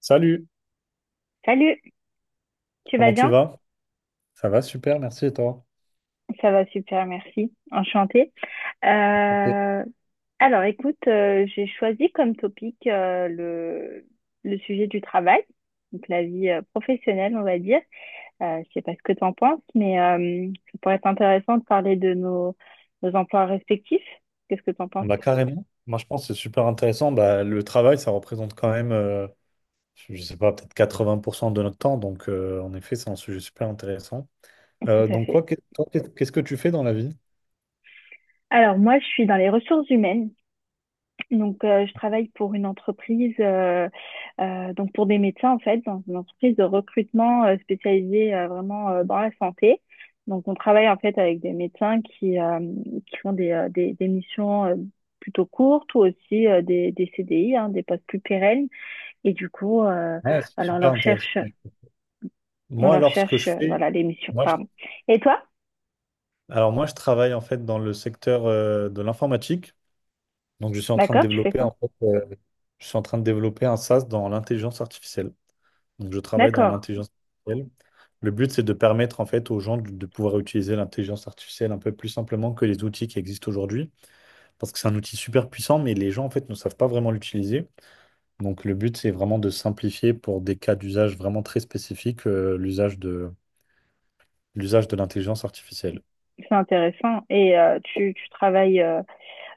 Salut, Salut, tu vas comment tu bien? vas? Ça va, super, merci et toi? Ça va super, merci. Enchantée. Ok. Euh, alors, écoute, j'ai choisi comme topic le sujet du travail, donc la vie professionnelle, on va dire. Je sais pas ce que tu en penses, mais ça pourrait être intéressant de parler de nos emplois respectifs. Qu'est-ce que tu en Ah penses? bah, carrément, moi je pense que c'est super intéressant. Bah, le travail, ça représente quand même, je sais pas, peut-être 80% de notre temps. Donc en effet, c'est un sujet super intéressant. Tout Euh, à donc fait. quoi, toi, qu'est-ce que tu fais dans la vie? Alors, moi, je suis dans les ressources humaines. Donc, je travaille pour une entreprise, donc pour des médecins en fait, dans une entreprise de recrutement spécialisée vraiment dans la santé. Donc, on travaille en fait avec des médecins qui qui font des missions plutôt courtes ou aussi des CDI, hein, des postes plus pérennes. Et du coup, Ouais, c'est voilà, super intéressant. On Moi, leur alors, ce que cherche, je fais, voilà, les missions. moi, je- Pardon. Et toi? alors moi, je travaille en fait dans le secteur de l'informatique. Donc, D'accord, tu fais quoi? Je suis en train de développer un SaaS dans l'intelligence artificielle. Donc, je travaille dans D'accord, l'intelligence artificielle. Le but, c'est de permettre en fait aux gens de pouvoir utiliser l'intelligence artificielle un peu plus simplement que les outils qui existent aujourd'hui, parce que c'est un outil super puissant, mais les gens en fait ne savent pas vraiment l'utiliser. Donc, le but, c'est vraiment de simplifier pour des cas d'usage vraiment très spécifiques, l'usage de l'intelligence artificielle. c'est intéressant. Et tu travailles euh,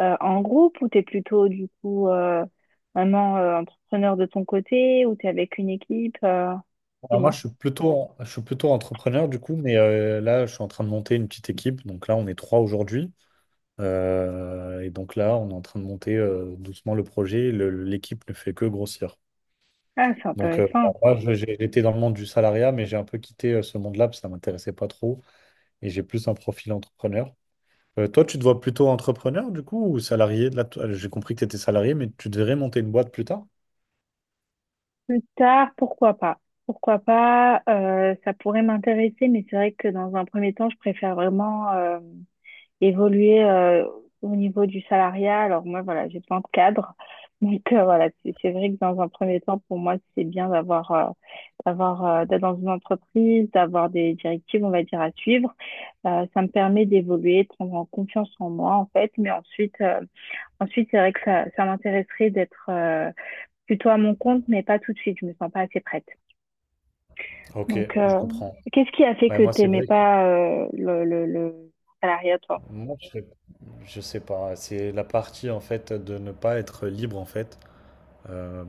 euh, en groupe ou t'es plutôt du coup vraiment entrepreneur de ton côté ou t'es avec une équipe Alors moi, dis-moi. je suis plutôt entrepreneur du coup, mais là, je suis en train de monter une petite équipe. Donc là, on est trois aujourd'hui. Et donc là, on est en train de monter doucement le projet. L'équipe ne fait que grossir. Ah, c'est Donc bah, intéressant. moi, j'étais dans le monde du salariat, mais j'ai un peu quitté ce monde-là parce que ça m'intéressait pas trop. Et j'ai plus un profil entrepreneur. Toi, tu te vois plutôt entrepreneur du coup ou salarié? Là, toi, j'ai compris que tu étais salarié, mais tu devrais monter une boîte plus tard. Plus tard, pourquoi pas? Pourquoi pas? Ça pourrait m'intéresser, mais c'est vrai que dans un premier temps, je préfère vraiment évoluer au niveau du salariat. Alors moi, voilà, j'ai plein de cadres. Donc voilà, c'est vrai que dans un premier temps, pour moi, c'est bien d'être dans une entreprise, d'avoir des directives, on va dire, à suivre. Ça me permet d'évoluer, de prendre en confiance en moi, en fait. Mais ensuite, c'est vrai que ça m'intéresserait d'être plutôt à mon compte, mais pas tout de suite. Je me sens pas assez prête. Ok, Donc, je comprends. qu'est-ce qui a fait Ouais, que moi, c'est t'aimais vrai. Pas le salariat, toi? Moi, je- Je sais pas, c'est la partie en fait de ne pas être libre en fait. Euh,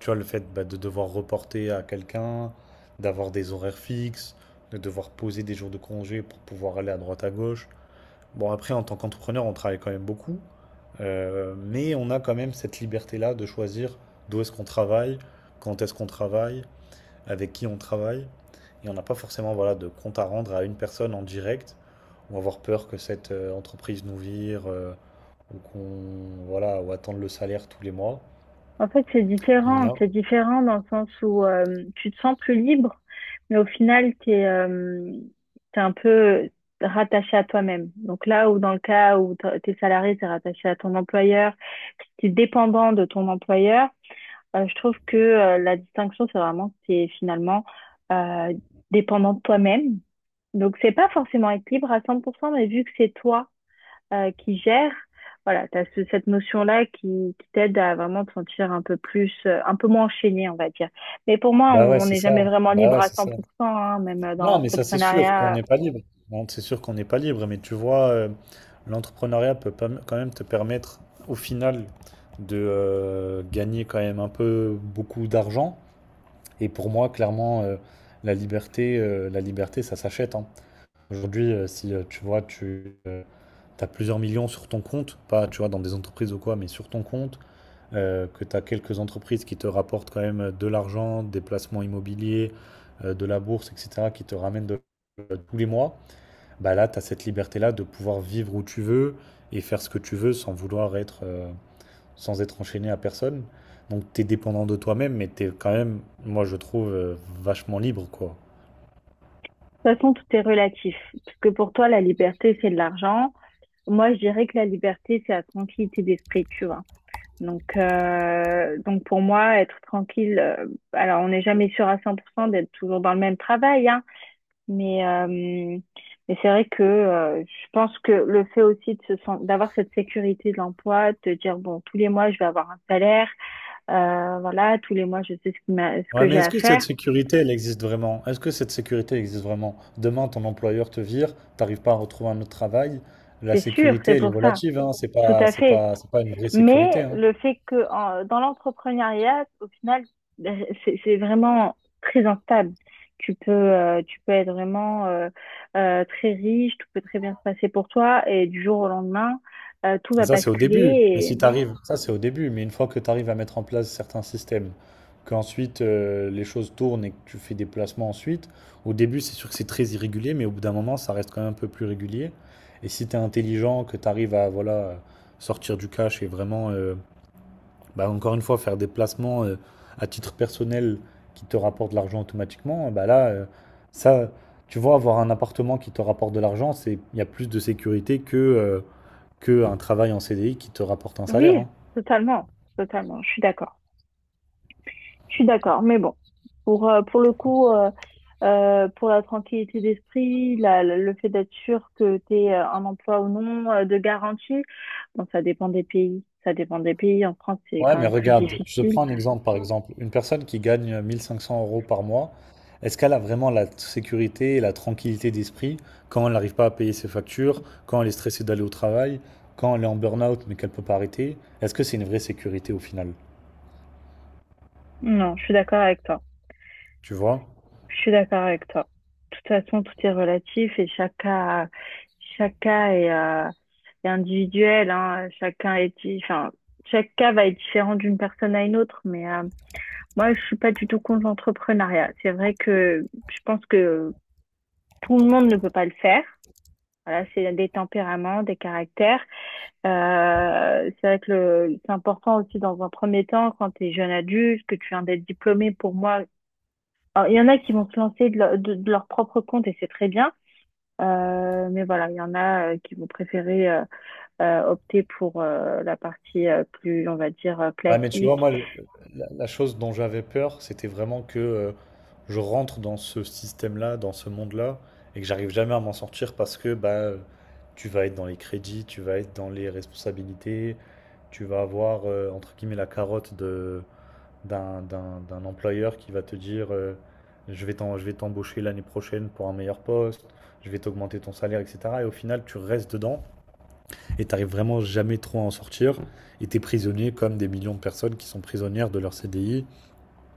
tu vois, le fait bah, de devoir reporter à quelqu'un, d'avoir des horaires fixes, de devoir poser des jours de congé pour pouvoir aller à droite à gauche. Bon, après, en tant qu'entrepreneur, on travaille quand même beaucoup, mais on a quand même cette liberté-là de choisir d'où est-ce qu'on travaille, quand est-ce qu'on travaille, avec qui on travaille. Et on n'a pas forcément voilà, de compte à rendre à une personne en direct ou avoir peur que cette entreprise nous vire, ou qu'on voilà ou attendre le salaire tous les mois. En fait, c'est Et différent. non. C'est différent dans le sens où tu te sens plus libre, mais au final, tu es un peu rattaché à toi-même. Donc là où dans le cas où t'es salarié, t'es rattaché à ton employeur, t'es dépendant de ton employeur, je trouve que la distinction, c'est vraiment que t'es finalement euh, dépendant de toi-même. Donc c'est pas forcément être libre à 100%, mais vu que c'est toi qui gère, voilà, tu as cette notion-là qui t'aide à vraiment te sentir un peu plus, un peu moins enchaîné, on va dire. Mais pour moi, Bah ouais, on c'est n'est ça. jamais vraiment Bah libre ouais, à c'est ça. 100%, hein, même dans Non, mais ça c'est sûr qu'on l'entrepreneuriat. n'est pas libre. Bon, c'est sûr qu'on n'est pas libre, mais tu vois, l'entrepreneuriat peut pas- quand même te permettre au final de gagner quand même un peu beaucoup d'argent. Et pour moi, clairement, la liberté, ça s'achète, hein. Aujourd'hui, si tu vois, tu as plusieurs millions sur ton compte, pas tu vois, dans des entreprises ou quoi, mais sur ton compte, que tu as quelques entreprises qui te rapportent quand même de l'argent, des placements immobiliers, de la bourse, etc., qui te ramènent tous les mois, bah là, tu as cette liberté-là de pouvoir vivre où tu veux et faire ce que tu veux sans être enchaîné à personne. Donc, tu es dépendant de toi-même, mais tu es quand même, moi, je trouve, vachement libre, quoi. De toute façon, tout est relatif. Parce que pour toi, la liberté, c'est de l'argent. Moi, je dirais que la liberté, c'est la tranquillité d'esprit, tu vois. Donc pour moi, être tranquille, alors on n'est jamais sûr à 100% d'être toujours dans le même travail, hein. Mais c'est vrai que je pense que le fait aussi de d'avoir cette sécurité de l'emploi, de te dire, bon, tous les mois, je vais avoir un salaire, voilà, tous les mois, je sais ce ce Ouais, que mais j'ai est-ce à que cette faire, sécurité, elle existe vraiment? Est-ce que cette sécurité existe vraiment? Demain, ton employeur te vire, t'arrives pas à retrouver un autre travail. La c'est sûr, sécurité, c'est elle est pour ça, relative, hein. C'est tout pas, à c'est fait. pas, c'est pas une vraie sécurité, Mais hein. le fait que dans l'entrepreneuriat, au final, ben, c'est vraiment très instable. Tu peux être vraiment très riche, tout peut très bien se passer pour toi, et du jour au lendemain, tout Et va ça, c'est au début. Mais basculer. si t'arrives, ça, c'est au début. Mais une fois que t'arrives à mettre en place certains systèmes, qu'ensuite les choses tournent et que tu fais des placements ensuite, au début, c'est sûr que c'est très irrégulier, mais au bout d'un moment, ça reste quand même un peu plus régulier. Et si t'es intelligent, que t'arrives à, voilà, sortir du cash et vraiment, bah, encore une fois, faire des placements à titre personnel qui te rapportent de l'argent automatiquement, bah là, ça, tu vois, avoir un appartement qui te rapporte de l'argent, c'est, il y a plus de sécurité que un travail en CDI qui te rapporte un salaire, hein. Oui, totalement, totalement. Je suis d'accord. Je suis d'accord. Mais bon, pour le coup, pour la tranquillité d'esprit, le fait d'être sûr que tu es un emploi ou non, de garantie, bon, ça dépend des pays. Ça dépend des pays. En France, c'est Ouais, quand mais même plus regarde, je te difficile. prends un exemple par exemple. Une personne qui gagne 1 500 euros par mois, est-ce qu'elle a vraiment la sécurité et la tranquillité d'esprit quand elle n'arrive pas à payer ses factures, quand elle est stressée d'aller au travail, quand elle est en burn-out mais qu'elle peut pas arrêter? Est-ce que c'est une vraie sécurité au final? Non, je suis d'accord avec toi. Tu vois? Je suis d'accord avec toi. De toute façon, tout est relatif et chaque cas est individuel, hein. Enfin, chaque cas va être différent d'une personne à une autre, mais, moi, je suis pas du tout contre l'entrepreneuriat. C'est vrai que je pense que tout le monde ne peut pas le faire. Voilà, c'est des tempéraments, des caractères. C'est vrai que c'est important aussi dans un premier temps, quand tu es jeune adulte, que tu viens d'être diplômé, pour moi. Alors, il y en a qui vont se lancer de leur propre compte et c'est très bien. Mais voilà, il y en a qui vont préférer opter pour la partie plus, on va dire, Ouais, mais tu vois, classique. moi, la chose dont j'avais peur, c'était vraiment que, je rentre dans ce système-là, dans ce monde-là, et que j'arrive jamais à m'en sortir parce que bah, tu vas être dans les crédits, tu vas être dans les responsabilités, tu vas avoir, entre guillemets, la carotte d'un employeur qui va te dire, je vais t'embaucher l'année prochaine pour un meilleur poste, je vais t'augmenter ton salaire, etc. Et au final, tu restes dedans, et t'arrives vraiment jamais trop à en sortir. Et t'es prisonnier comme des millions de personnes qui sont prisonnières de leur CDI,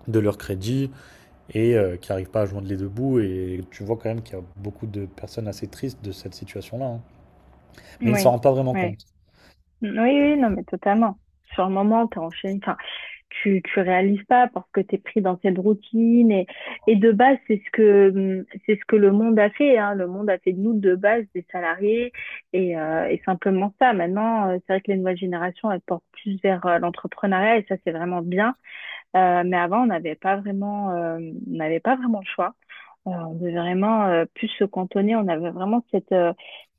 de leur crédit et qui n'arrivent pas à joindre les deux bouts. Et tu vois quand même qu'il y a beaucoup de personnes assez tristes de cette situation-là, hein. Mais ils ne s'en Oui, rendent pas vraiment oui. compte. Oui, oui, non, mais totalement. Sur le moment, t'es enchaîné. Enfin, tu réalises pas parce que t'es pris dans cette routine. Et de base, c'est ce que c'est ce que le monde a fait, hein. Le monde a fait de nous, de base, des salariés. Et simplement ça. Maintenant, c'est vrai que les nouvelles générations, elles portent plus vers l'entrepreneuriat. Et ça, c'est vraiment bien. Mais avant, on n'avait pas vraiment le choix. On devait vraiment plus se cantonner. On avait vraiment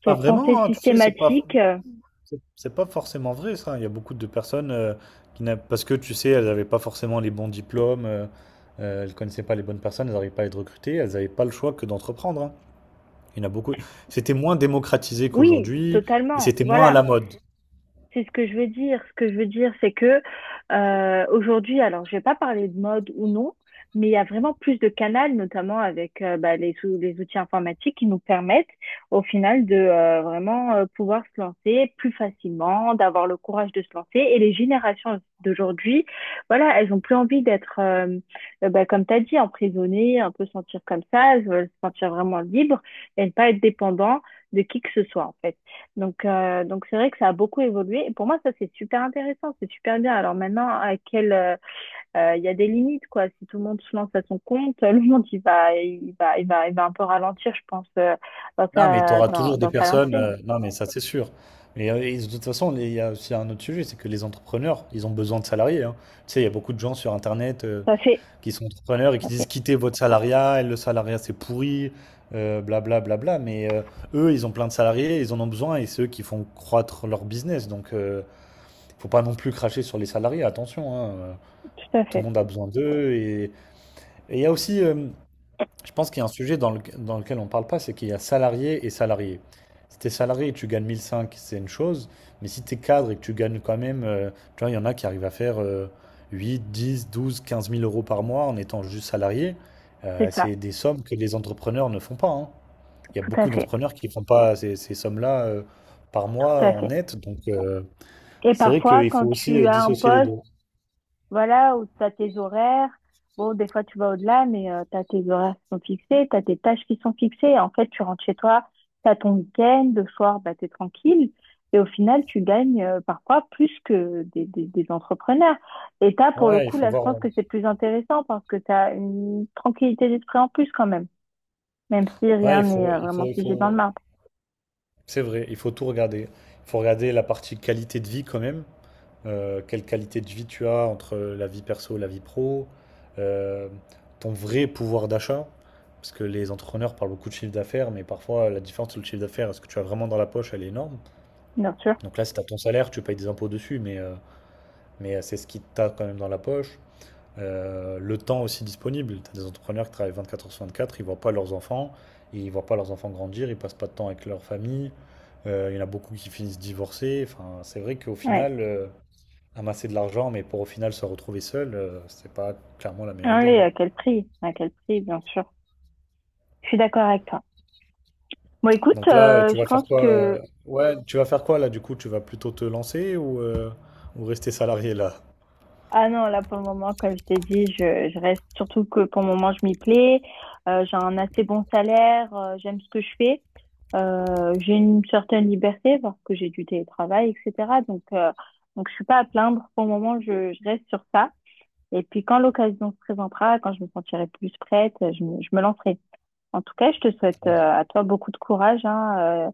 Pas cette pensée vraiment, hein, tu sais, c'est pas, systématique. C'est c'est pas forcément vrai ça. Il y a beaucoup de personnes, qui n'a- parce que tu sais, elles n'avaient pas forcément les bons diplômes, elles connaissaient pas les bonnes personnes, elles n'arrivaient pas à être recrutées, elles n'avaient pas le choix que d'entreprendre, hein. Il y en a beaucoup. C'était moins démocratisé Oui, qu'aujourd'hui et totalement. c'était moins à Voilà, la mode. c'est ce que je veux dire. Ce que je veux dire, c'est que aujourd'hui, alors je vais pas parler de mode ou non, mais il y a vraiment plus de canaux, notamment avec bah, les outils informatiques qui nous permettent au final de vraiment pouvoir se lancer plus facilement, d'avoir le courage de se lancer. Et les générations d'aujourd'hui, voilà, elles ont plus envie d'être, bah, comme tu as dit, emprisonnées, un peu sentir comme ça, elles veulent se sentir vraiment libres et ne pas être dépendant de qui que ce soit en fait. Donc c'est vrai que ça a beaucoup évolué. Et pour moi, ça, c'est super intéressant, c'est super bien. Alors maintenant, il y a des limites, quoi. Si tout le monde se lance à son compte, le monde, il va un peu ralentir, je pense, dans Non, mais tu auras toujours des dans sa personnes. lancée. Non, mais ça, c'est sûr. Mais et de toute façon, il y a aussi un autre sujet, c'est que les entrepreneurs, ils ont besoin de salariés, hein. Tu sais, il y a beaucoup de gens sur Internet Tout à fait, qui sont entrepreneurs et tout qui à disent fait, quittez votre salariat, le salariat, c'est pourri, blablabla. Bla, bla, bla. Mais eux, ils ont plein de salariés, ils en ont besoin et c'est eux qui font croître leur business. Donc, faut pas non plus cracher sur les salariés, attention, hein. Euh, tout à Tout le fait. monde a besoin d'eux. et il y a aussi. Je pense qu'il y a un sujet dans lequel on ne parle pas, c'est qu'il y a salarié et salarié. Si tu salarié et tu gagnes 1005, c'est une chose, mais si t'es cadre et que tu gagnes quand même, tu vois, il y en a qui arrivent à faire 8, 10, 12, 15 000 euros par mois en étant juste salarié. Euh, C'est ça, c'est des sommes que les entrepreneurs ne font pas, hein. Il y a tout à beaucoup fait, d'entrepreneurs qui ne font pas ces sommes-là par tout mois à en fait. net, donc Et c'est vrai parfois, qu'il faut quand aussi tu as un dissocier les poste. deux. Voilà, où tu as tes horaires. Bon, des fois, tu vas au-delà, mais tu as tes horaires qui sont fixés, tu as tes tâches qui sont fixées. En fait, tu rentres chez toi, tu as ton week-end, le soir, bah, tu es tranquille. Et au final, tu gagnes parfois plus que des entrepreneurs. Et tu as, pour le Ouais, il coup, faut là, je voir. pense que c'est plus intéressant parce que tu as une tranquillité d'esprit en plus quand même, même si Ouais, rien n'est vraiment figé dans le marbre, c'est vrai, il faut tout regarder. Il faut regarder la partie qualité de vie quand même. Quelle qualité de vie tu as entre la vie perso et la vie pro. Euh, ton vrai pouvoir d'achat. Parce que les entrepreneurs parlent beaucoup de chiffre d'affaires, mais parfois la différence entre le chiffre d'affaires et ce que tu as vraiment dans la poche, elle est énorme. bien sûr. Donc là, si tu as ton salaire, tu payes des impôts dessus, mais c'est ce qui t'a quand même dans la poche, le temps aussi disponible. Tu as des entrepreneurs qui travaillent 24 heures sur 24. Ils ne voient pas leurs enfants, ils ne voient pas leurs enfants grandir, ils ne passent pas de temps avec leur famille. Il y en a beaucoup qui finissent divorcés. Enfin, c'est vrai qu'au Ouais. final, amasser de l'argent, mais pour au final se retrouver seul, ce c'est pas clairement la meilleure Ah idée, oui, hein. à quel prix? À quel prix, bien sûr. Je suis d'accord avec toi. Bon, écoute, Donc là, tu je vas faire pense quoi? euh, que. Ouais, tu vas faire quoi là? Du coup, tu vas plutôt te lancer ou rester salarié là? Ah non, là pour le moment, comme je t'ai dit, je reste surtout que pour le moment, je m'y plais. J'ai un assez bon salaire, j'aime ce que je fais. J'ai une certaine liberté parce que j'ai du télétravail, etc. Donc je suis pas à plaindre. Pour le moment, je reste sur ça. Et puis quand l'occasion se présentera, quand je me sentirai plus prête, je me lancerai. En tout cas, je te souhaite Ouais. À toi beaucoup de courage hein,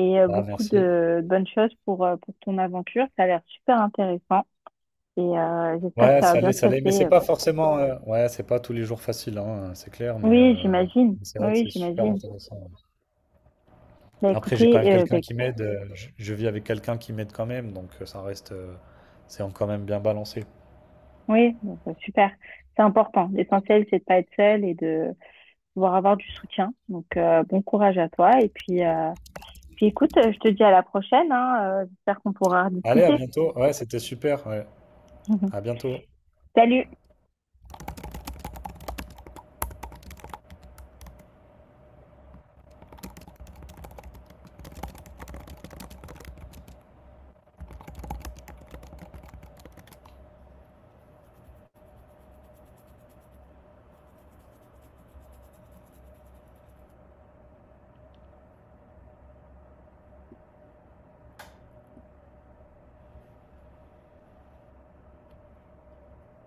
et Bah, beaucoup merci. De bonnes choses pour ton aventure. Ça a l'air super intéressant. Et j'espère que Ouais, ça va ça bien l'est, se ça l'est, mais c'est passer. pas forcément. Ouais, c'est pas tous les jours facile, hein, c'est clair, mais Oui, j'imagine. c'est vrai que Oui, c'est super j'imagine. intéressant. Ouais. Bah Après, j'ai quand écoutez, même euh, bah, quelqu'un qui écou- m'aide. Je vis avec quelqu'un qui m'aide quand même, donc ça reste. C'est quand même bien balancé. oui, bon, bah, super. C'est important. L'essentiel, c'est de pas être seul et de pouvoir avoir du soutien. Donc, bon courage à toi. Et puis, puis écoute, je te dis à la prochaine, hein. J'espère qu'on pourra Allez, à rediscuter. bientôt. Ouais, c'était super. Ouais. À bientôt. Salut!